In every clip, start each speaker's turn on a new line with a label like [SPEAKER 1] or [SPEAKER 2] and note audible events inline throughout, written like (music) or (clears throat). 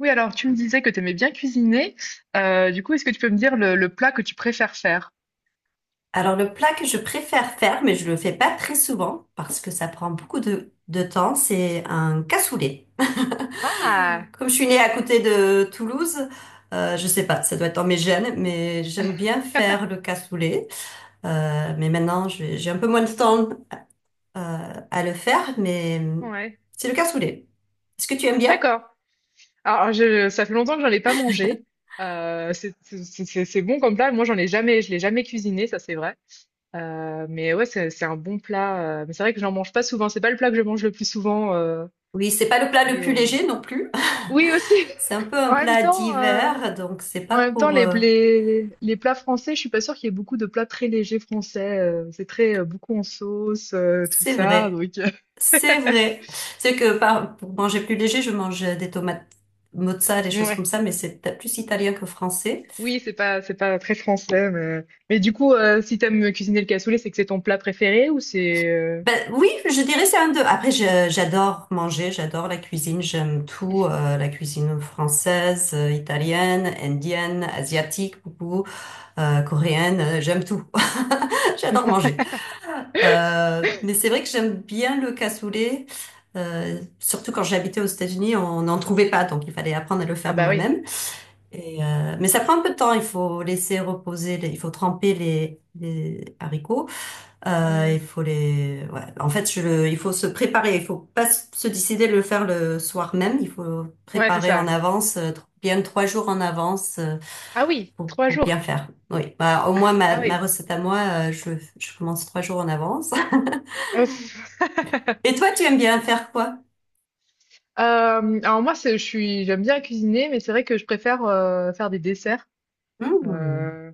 [SPEAKER 1] Oui, alors tu me disais que tu aimais bien cuisiner. Du coup, est-ce que tu peux me dire le plat que tu préfères faire?
[SPEAKER 2] Alors le plat que je préfère faire, mais je le fais pas très souvent parce que ça prend beaucoup de temps, c'est un cassoulet. (laughs)
[SPEAKER 1] Ah,
[SPEAKER 2] Comme je suis née à côté de Toulouse, je sais pas, ça doit être dans mes gènes, mais j'aime bien faire le cassoulet. Mais maintenant, j'ai un peu moins de temps à le faire, mais
[SPEAKER 1] ouais,
[SPEAKER 2] c'est le cassoulet. Est-ce que tu aimes bien?
[SPEAKER 1] d'accord. Alors, je, ça fait longtemps que j'en ai pas mangé. C'est bon comme plat. Moi, j'en ai jamais, je l'ai jamais cuisiné, ça c'est vrai. Mais ouais, c'est un bon plat. Mais c'est vrai que j'en mange pas souvent. C'est pas le plat que je mange le plus souvent.
[SPEAKER 2] Oui, c'est pas le plat le plus
[SPEAKER 1] Euh,
[SPEAKER 2] léger non plus.
[SPEAKER 1] Oui, aussi.
[SPEAKER 2] (laughs)
[SPEAKER 1] (laughs)
[SPEAKER 2] C'est un peu un
[SPEAKER 1] En même
[SPEAKER 2] plat
[SPEAKER 1] temps.
[SPEAKER 2] d'hiver, donc c'est
[SPEAKER 1] En
[SPEAKER 2] pas
[SPEAKER 1] même temps,
[SPEAKER 2] pour.
[SPEAKER 1] les, les, les plats français, je suis pas sûre qu'il y ait beaucoup de plats très légers français. C'est très beaucoup en sauce, tout
[SPEAKER 2] C'est
[SPEAKER 1] ça.
[SPEAKER 2] vrai.
[SPEAKER 1] Donc,
[SPEAKER 2] C'est vrai. C'est que pour manger plus léger, je mange des tomates mozza, des
[SPEAKER 1] (laughs)
[SPEAKER 2] choses comme
[SPEAKER 1] ouais.
[SPEAKER 2] ça, mais c'est peut-être plus italien que français.
[SPEAKER 1] Oui, c'est pas très français. Mais du coup, si t'aimes cuisiner le cassoulet, c'est que c'est ton plat préféré ou c'est...
[SPEAKER 2] Ben oui, je dirais c'est un deux. Après, j'adore manger, j'adore la cuisine, j'aime tout, la cuisine française, italienne, indienne, asiatique, beaucoup, coréenne, j'aime tout. (laughs) J'adore manger.
[SPEAKER 1] (laughs)
[SPEAKER 2] Mais c'est vrai que j'aime bien le cassoulet. Surtout quand j'habitais aux États-Unis, on n'en trouvait pas, donc il fallait apprendre à le
[SPEAKER 1] Ah
[SPEAKER 2] faire
[SPEAKER 1] bah oui.
[SPEAKER 2] moi-même. Et, mais ça prend un peu de temps, il faut laisser reposer, il faut tremper les haricots. Il
[SPEAKER 1] Hmm.
[SPEAKER 2] faut les, ouais. En fait, il faut se préparer, il faut pas se décider de le faire le soir même, il faut
[SPEAKER 1] Ouais, c'est
[SPEAKER 2] préparer en
[SPEAKER 1] ça.
[SPEAKER 2] avance, bien trois jours en avance
[SPEAKER 1] Ah oui,
[SPEAKER 2] pour,
[SPEAKER 1] trois
[SPEAKER 2] pour
[SPEAKER 1] jours.
[SPEAKER 2] bien faire. Oui, bah, au moins
[SPEAKER 1] Ah
[SPEAKER 2] ma
[SPEAKER 1] oui.
[SPEAKER 2] recette à moi, je commence trois jours en avance. (laughs)
[SPEAKER 1] Ouf.
[SPEAKER 2] Et
[SPEAKER 1] (laughs)
[SPEAKER 2] toi, tu aimes bien faire quoi?
[SPEAKER 1] Alors moi, j'aime bien cuisiner, mais c'est vrai que je préfère faire des desserts.
[SPEAKER 2] Mmh.
[SPEAKER 1] Euh,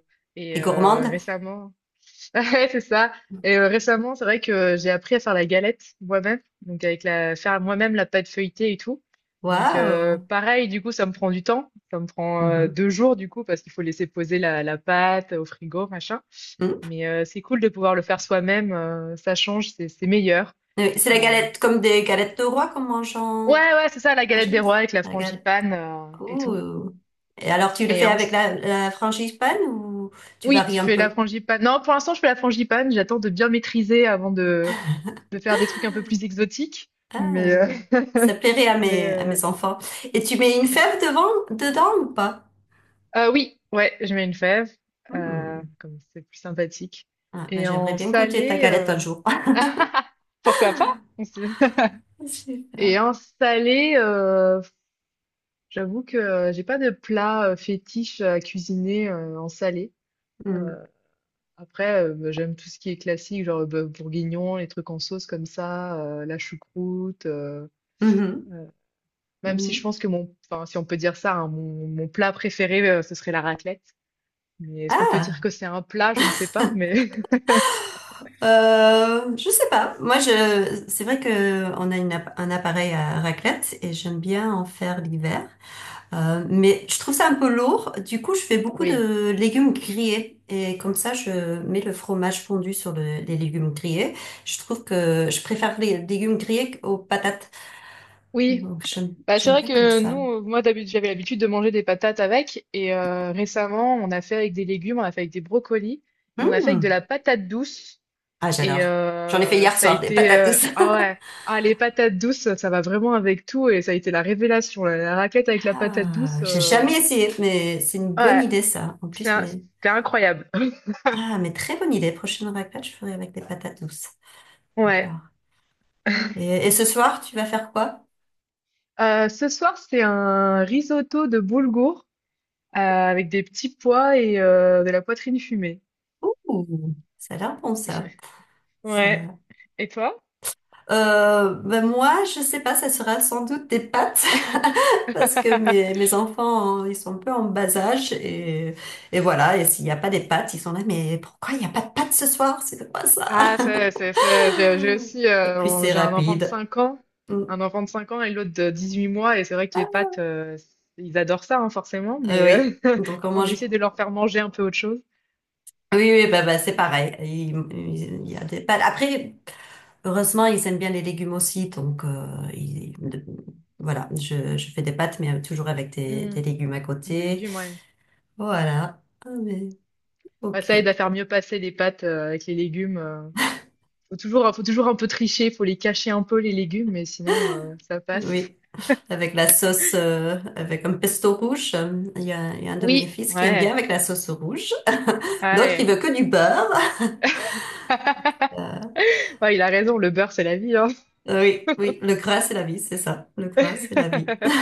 [SPEAKER 2] T'es
[SPEAKER 1] et
[SPEAKER 2] gourmande?
[SPEAKER 1] récemment... (laughs) Ouais, c'est ça. Et récemment, c'est vrai que j'ai appris à faire la galette moi-même, donc avec la faire moi-même la pâte feuilletée et tout. Donc
[SPEAKER 2] Waouh!
[SPEAKER 1] pareil, du coup, ça me prend du temps. Ça me prend
[SPEAKER 2] Mhm.
[SPEAKER 1] 2 jours du coup parce qu'il faut laisser poser la pâte au frigo, machin.
[SPEAKER 2] Mhm.
[SPEAKER 1] Mais c'est cool de pouvoir le faire soi-même. Ça change, c'est meilleur.
[SPEAKER 2] C'est la
[SPEAKER 1] Euh,
[SPEAKER 2] galette comme des galettes de roi qu'on mange en...
[SPEAKER 1] Ouais, ouais, c'est ça, la galette
[SPEAKER 2] Franchement,
[SPEAKER 1] des rois avec la
[SPEAKER 2] regarde.
[SPEAKER 1] frangipane et tout.
[SPEAKER 2] Ouh. Et alors, tu le
[SPEAKER 1] Et
[SPEAKER 2] fais avec
[SPEAKER 1] ensuite
[SPEAKER 2] la, la frangipane ou tu
[SPEAKER 1] oui, je
[SPEAKER 2] varies un
[SPEAKER 1] fais la
[SPEAKER 2] peu?
[SPEAKER 1] frangipane. Non, pour l'instant, je fais la frangipane. J'attends de bien maîtriser avant de faire des trucs un peu plus exotiques.
[SPEAKER 2] Ah,
[SPEAKER 1] Mais
[SPEAKER 2] ça
[SPEAKER 1] (laughs)
[SPEAKER 2] plairait
[SPEAKER 1] mais
[SPEAKER 2] à
[SPEAKER 1] ouais.
[SPEAKER 2] mes enfants. Et tu mets une fève devant, dedans ou pas?
[SPEAKER 1] Oui, ouais, je mets une fève,
[SPEAKER 2] Hmm.
[SPEAKER 1] comme c'est plus sympathique.
[SPEAKER 2] Ah, mais
[SPEAKER 1] Et
[SPEAKER 2] j'aimerais
[SPEAKER 1] en
[SPEAKER 2] bien goûter ta
[SPEAKER 1] salé,
[SPEAKER 2] galette un jour.
[SPEAKER 1] (laughs) pourquoi pas? On sait- (laughs)
[SPEAKER 2] (laughs) Super.
[SPEAKER 1] Et en salé, j'avoue que j'ai pas de plat fétiche à cuisiner en salé. Euh,
[SPEAKER 2] Hmm.
[SPEAKER 1] Après, bah, j'aime tout ce qui est classique, genre le bœuf bourguignon, les trucs en sauce comme ça, la choucroute.
[SPEAKER 2] Mhm.
[SPEAKER 1] Euh, même si je
[SPEAKER 2] Mhm.
[SPEAKER 1] pense que mon, enfin, si on peut dire ça, hein, mon plat préféré, ce serait la raclette. Mais est-ce qu'on peut
[SPEAKER 2] Ah,
[SPEAKER 1] dire que c'est un plat? Je ne sais pas, mais (laughs)
[SPEAKER 2] je sais pas. Moi, c'est vrai que on a une un appareil à raclette et j'aime bien en faire l'hiver. Mais je trouve ça un peu lourd. Du coup, je fais beaucoup
[SPEAKER 1] oui.
[SPEAKER 2] de légumes grillés. Et comme ça, je mets le fromage fondu sur les légumes grillés. Je trouve que je préfère les légumes grillés aux patates.
[SPEAKER 1] Oui.
[SPEAKER 2] Donc, j'aime,
[SPEAKER 1] Bah, c'est
[SPEAKER 2] j'aime
[SPEAKER 1] vrai
[SPEAKER 2] bien comme
[SPEAKER 1] que
[SPEAKER 2] ça.
[SPEAKER 1] nous, moi d'habitude, j'avais l'habitude de manger des patates avec, et récemment, on a fait avec des légumes, on a fait avec des brocolis, et on a fait avec de
[SPEAKER 2] Hmm.
[SPEAKER 1] la patate douce.
[SPEAKER 2] Ah,
[SPEAKER 1] Et
[SPEAKER 2] j'adore. J'en ai fait hier
[SPEAKER 1] ça a
[SPEAKER 2] soir des
[SPEAKER 1] été,
[SPEAKER 2] patates douces.
[SPEAKER 1] ah ouais,
[SPEAKER 2] (laughs)
[SPEAKER 1] ah les patates douces ça va vraiment avec tout et ça a été la révélation la raclette avec la patate douce,
[SPEAKER 2] Ah, j'ai jamais essayé, mais c'est une bonne
[SPEAKER 1] ouais,
[SPEAKER 2] idée, ça. En
[SPEAKER 1] c'est
[SPEAKER 2] plus,
[SPEAKER 1] un-
[SPEAKER 2] mais.
[SPEAKER 1] c'était incroyable. (laughs)
[SPEAKER 2] Ah, mais très bonne idée. Prochaine raclette, je ferai avec des patates douces.
[SPEAKER 1] Ouais.
[SPEAKER 2] J'adore. Et ce soir, tu vas faire quoi?
[SPEAKER 1] Ce soir c'est un risotto de boulgour avec des petits pois et de la poitrine fumée.
[SPEAKER 2] Ouh, ça a l'air bon, ça.
[SPEAKER 1] (laughs) Ouais,
[SPEAKER 2] Ça.
[SPEAKER 1] et toi?
[SPEAKER 2] Ben moi, je sais pas, ça sera sans doute des pâtes. (laughs) parce que mes,
[SPEAKER 1] (laughs)
[SPEAKER 2] mes enfants, ils sont un peu en bas âge et voilà. Et s'il n'y a pas des pâtes, ils sont là, mais pourquoi il n'y a pas de pâtes ce soir? C'est quoi ça?
[SPEAKER 1] Ah,
[SPEAKER 2] (laughs)
[SPEAKER 1] c'est, j'ai aussi,
[SPEAKER 2] Et puis
[SPEAKER 1] on-
[SPEAKER 2] c'est
[SPEAKER 1] j'ai un enfant de
[SPEAKER 2] rapide.
[SPEAKER 1] 5 ans,
[SPEAKER 2] Mm.
[SPEAKER 1] un enfant de 5 ans et l'autre de 18 mois, et c'est vrai que les pâtes, ils adorent ça, hein, forcément, mais
[SPEAKER 2] Oui, donc on
[SPEAKER 1] (laughs) on
[SPEAKER 2] mange.
[SPEAKER 1] essaie de leur faire manger un peu autre chose.
[SPEAKER 2] Oui, oui, bah, bah, c'est pareil. Il y a des pâtes. Après, heureusement, ils aiment bien les légumes aussi, donc ils- de- voilà, je fais des pâtes, mais toujours avec des,
[SPEAKER 1] Hmm,
[SPEAKER 2] des légumes à
[SPEAKER 1] des
[SPEAKER 2] côté.
[SPEAKER 1] légumes, ouais.
[SPEAKER 2] Voilà. Ah, mais
[SPEAKER 1] Bah, ça aide
[SPEAKER 2] ok.
[SPEAKER 1] à faire mieux passer les pâtes, avec les légumes. Faut toujours un peu tricher, faut les cacher un peu, les légumes, mais sinon, ça passe.
[SPEAKER 2] Oui. Avec la sauce, avec un pesto rouge. Il y a un de mes
[SPEAKER 1] Oui,
[SPEAKER 2] fils qui aime bien
[SPEAKER 1] ouais,
[SPEAKER 2] avec la sauce rouge. (laughs) L'autre, il
[SPEAKER 1] ouais.
[SPEAKER 2] veut que du beurre. (laughs)
[SPEAKER 1] (laughs)
[SPEAKER 2] Euh,
[SPEAKER 1] Ouais, il a raison, le beurre, c'est la vie, hein.
[SPEAKER 2] oui, oui. Le gras, c'est la vie, c'est ça. Le gras, c'est la vie.
[SPEAKER 1] (laughs)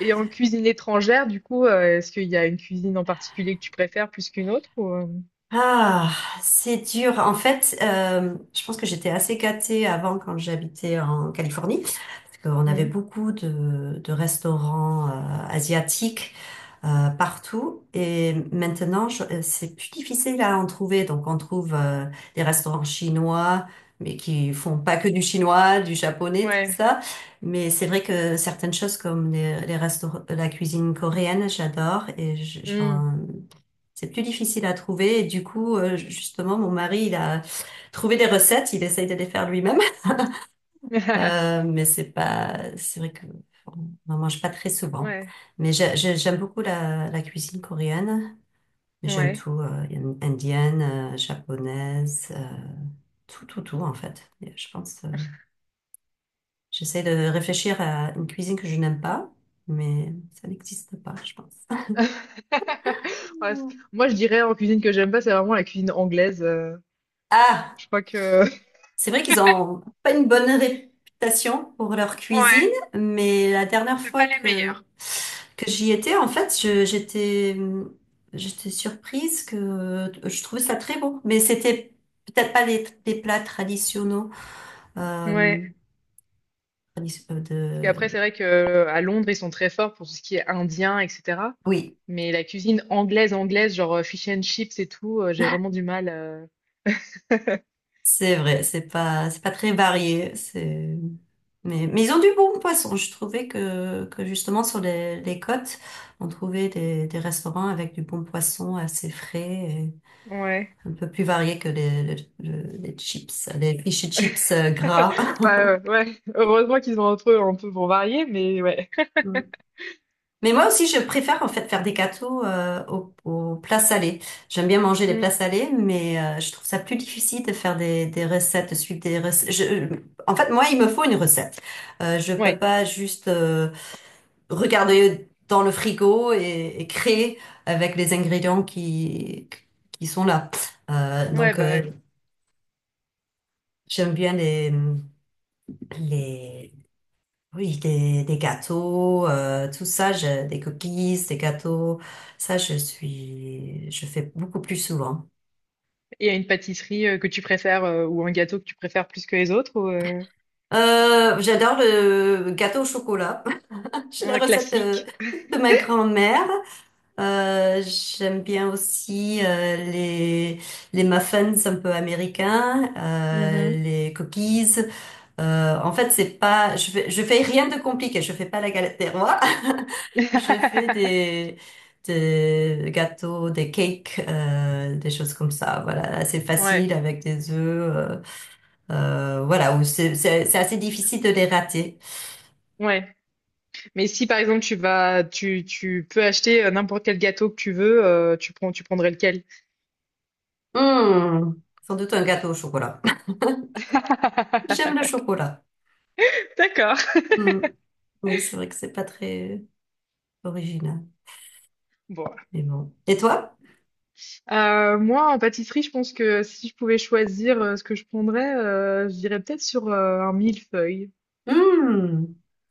[SPEAKER 1] Et en cuisine étrangère, du coup, est-ce qu'il y a une cuisine en particulier que tu préfères plus qu'une autre ou, hem?
[SPEAKER 2] Ah, c'est dur. En fait, je pense que j'étais assez gâtée avant quand j'habitais en Californie, parce qu'on avait
[SPEAKER 1] Mmh.
[SPEAKER 2] beaucoup de restaurants asiatiques partout. Et maintenant, c'est plus difficile à en trouver. Donc, on trouve des restaurants chinois, mais qui font pas que du chinois, du japonais, tout
[SPEAKER 1] Ouais.
[SPEAKER 2] ça. Mais c'est vrai que certaines choses comme les restaurants, la cuisine coréenne, j'adore et j-
[SPEAKER 1] Mmh.
[SPEAKER 2] j'en- C'est plus difficile à trouver et du coup, justement, mon mari, il a trouvé des recettes, il essaye de les faire lui-même. Euh,
[SPEAKER 1] (laughs)
[SPEAKER 2] mais c'est pas, c'est vrai que bon, on n'en mange pas très souvent.
[SPEAKER 1] Ouais.
[SPEAKER 2] Mais j'aime beaucoup la cuisine coréenne. Mais j'aime
[SPEAKER 1] Ouais.
[SPEAKER 2] tout, indienne, japonaise, tout, tout, tout en fait. Et je pense, j'essaie de réfléchir à une cuisine que je n'aime pas, mais ça n'existe pas, je pense.
[SPEAKER 1] (laughs) Ouais, c moi, je dirais en cuisine que j'aime pas, c'est vraiment la cuisine anglaise,
[SPEAKER 2] Ah,
[SPEAKER 1] je crois que (laughs)
[SPEAKER 2] c'est vrai qu'ils ont pas une bonne réputation pour leur
[SPEAKER 1] ouais,
[SPEAKER 2] cuisine, mais la dernière
[SPEAKER 1] c'est
[SPEAKER 2] fois
[SPEAKER 1] pas les
[SPEAKER 2] que
[SPEAKER 1] meilleurs.
[SPEAKER 2] que j'y étais, en fait, j'étais surprise que je trouvais ça très bon, mais c'était peut-être pas les plats traditionnels.
[SPEAKER 1] Ouais,
[SPEAKER 2] Euh,
[SPEAKER 1] parce
[SPEAKER 2] tradition- euh,
[SPEAKER 1] qu'après
[SPEAKER 2] de...
[SPEAKER 1] c'est vrai que à Londres, ils sont très forts pour tout ce qui est indien et cetera.
[SPEAKER 2] Oui,
[SPEAKER 1] Mais la cuisine anglaise, anglaise, genre, fish and chips et tout, j'ai vraiment du mal. Heu
[SPEAKER 2] c'est vrai, c'est pas très varié. C'est. Mais ils ont du bon poisson. Je trouvais que justement sur les côtes, on trouvait des restaurants avec du bon poisson assez frais et
[SPEAKER 1] ouais.
[SPEAKER 2] un peu plus varié que les fish and chips gras.
[SPEAKER 1] (laughs) Bah, ouais, heureusement qu'ils ont entre eux un peu pour varier, mais ouais.
[SPEAKER 2] (laughs) Mais moi aussi, je préfère en fait faire des gâteaux aux plats salés. J'aime bien manger les
[SPEAKER 1] Mmh,
[SPEAKER 2] plats salés, mais je trouve ça plus difficile de faire des recettes, de suivre des recettes. En fait, moi, il me faut une recette. Je peux
[SPEAKER 1] ouais,
[SPEAKER 2] pas juste regarder dans le frigo et créer avec les ingrédients qui sont là. Euh,
[SPEAKER 1] ouais,
[SPEAKER 2] donc,
[SPEAKER 1] bah,
[SPEAKER 2] euh,
[SPEAKER 1] ouais,
[SPEAKER 2] j'aime bien les Oui, des gâteaux, tout ça, des cookies, des gâteaux, ça je fais beaucoup plus souvent.
[SPEAKER 1] et à une pâtisserie que tu préfères, ou un gâteau que tu préfères plus que les autres, ou,
[SPEAKER 2] J'adore le gâteau au chocolat. (laughs) J'ai la
[SPEAKER 1] un
[SPEAKER 2] recette de,
[SPEAKER 1] classique?
[SPEAKER 2] de ma grand-mère. J'aime bien aussi les muffins un peu américains,
[SPEAKER 1] Mmh.
[SPEAKER 2] les cookies. En fait, c'est pas, je fais rien de compliqué. Je fais pas la galette des rois. (laughs) Je fais
[SPEAKER 1] (laughs)
[SPEAKER 2] des gâteaux, des cakes, des choses comme ça. Voilà, assez facile
[SPEAKER 1] Ouais,
[SPEAKER 2] avec des œufs. Voilà, où c'est assez difficile de les rater.
[SPEAKER 1] ouais, mais si par exemple tu vas tu peux acheter n'importe quel gâteau que tu veux, tu prendrais lequel?
[SPEAKER 2] Hmm, sans doute un gâteau au chocolat. (laughs) J'aime le
[SPEAKER 1] (laughs)
[SPEAKER 2] chocolat.
[SPEAKER 1] D'accord.
[SPEAKER 2] Hmm, oui, c'est vrai que c'est pas très original,
[SPEAKER 1] Bon.
[SPEAKER 2] mais bon. Et toi?
[SPEAKER 1] Moi en pâtisserie, je pense que si je pouvais choisir, ce que je prendrais, je dirais peut-être sur un millefeuille.
[SPEAKER 2] Hmm,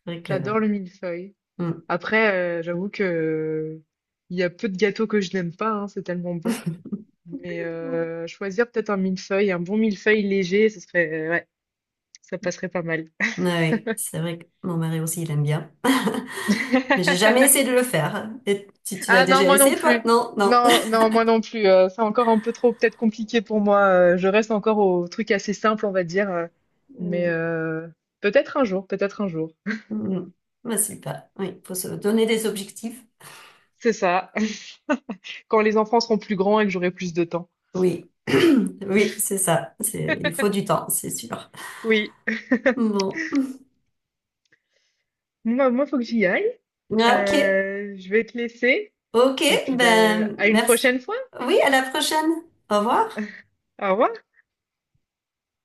[SPEAKER 2] c'est vrai que. Ouais.
[SPEAKER 1] J'adore le millefeuille.
[SPEAKER 2] Hmm.
[SPEAKER 1] Après, j'avoue que il y a peu de gâteaux que je n'aime pas, hein, c'est tellement bon. Mais choisir peut-être un millefeuille, un bon millefeuille léger, ce serait, ouais, ça passerait pas mal.
[SPEAKER 2] Oui, c'est vrai que mon mari aussi, il aime bien. (laughs) Mais j'ai
[SPEAKER 1] (laughs)
[SPEAKER 2] jamais essayé de le faire. Et si tu l'as
[SPEAKER 1] Ah non,
[SPEAKER 2] déjà
[SPEAKER 1] moi non
[SPEAKER 2] essayé, toi?
[SPEAKER 1] plus.
[SPEAKER 2] Non, non.
[SPEAKER 1] Non,
[SPEAKER 2] (laughs)
[SPEAKER 1] non, moi non plus. C'est encore un peu trop peut-être compliqué pour moi. Je reste encore au truc assez simple, on va dire. Mais
[SPEAKER 2] Oui.
[SPEAKER 1] peut-être un jour, peut-être un jour.
[SPEAKER 2] Mhm. Bah, super. Oui, il faut se donner des objectifs.
[SPEAKER 1] C'est ça. (laughs) Quand les enfants seront plus grands et que j'aurai plus de temps.
[SPEAKER 2] Oui. (clears throat) Oui, c'est ça. Il faut du temps, c'est sûr.
[SPEAKER 1] Oui.
[SPEAKER 2] Bon.
[SPEAKER 1] Moi, moi, faut que j'y aille.
[SPEAKER 2] Ok.
[SPEAKER 1] Je vais te laisser
[SPEAKER 2] Ok,
[SPEAKER 1] et puis bah,
[SPEAKER 2] ben,
[SPEAKER 1] à une
[SPEAKER 2] merci.
[SPEAKER 1] prochaine fois.
[SPEAKER 2] Oui, à la prochaine. Au revoir.
[SPEAKER 1] Au revoir.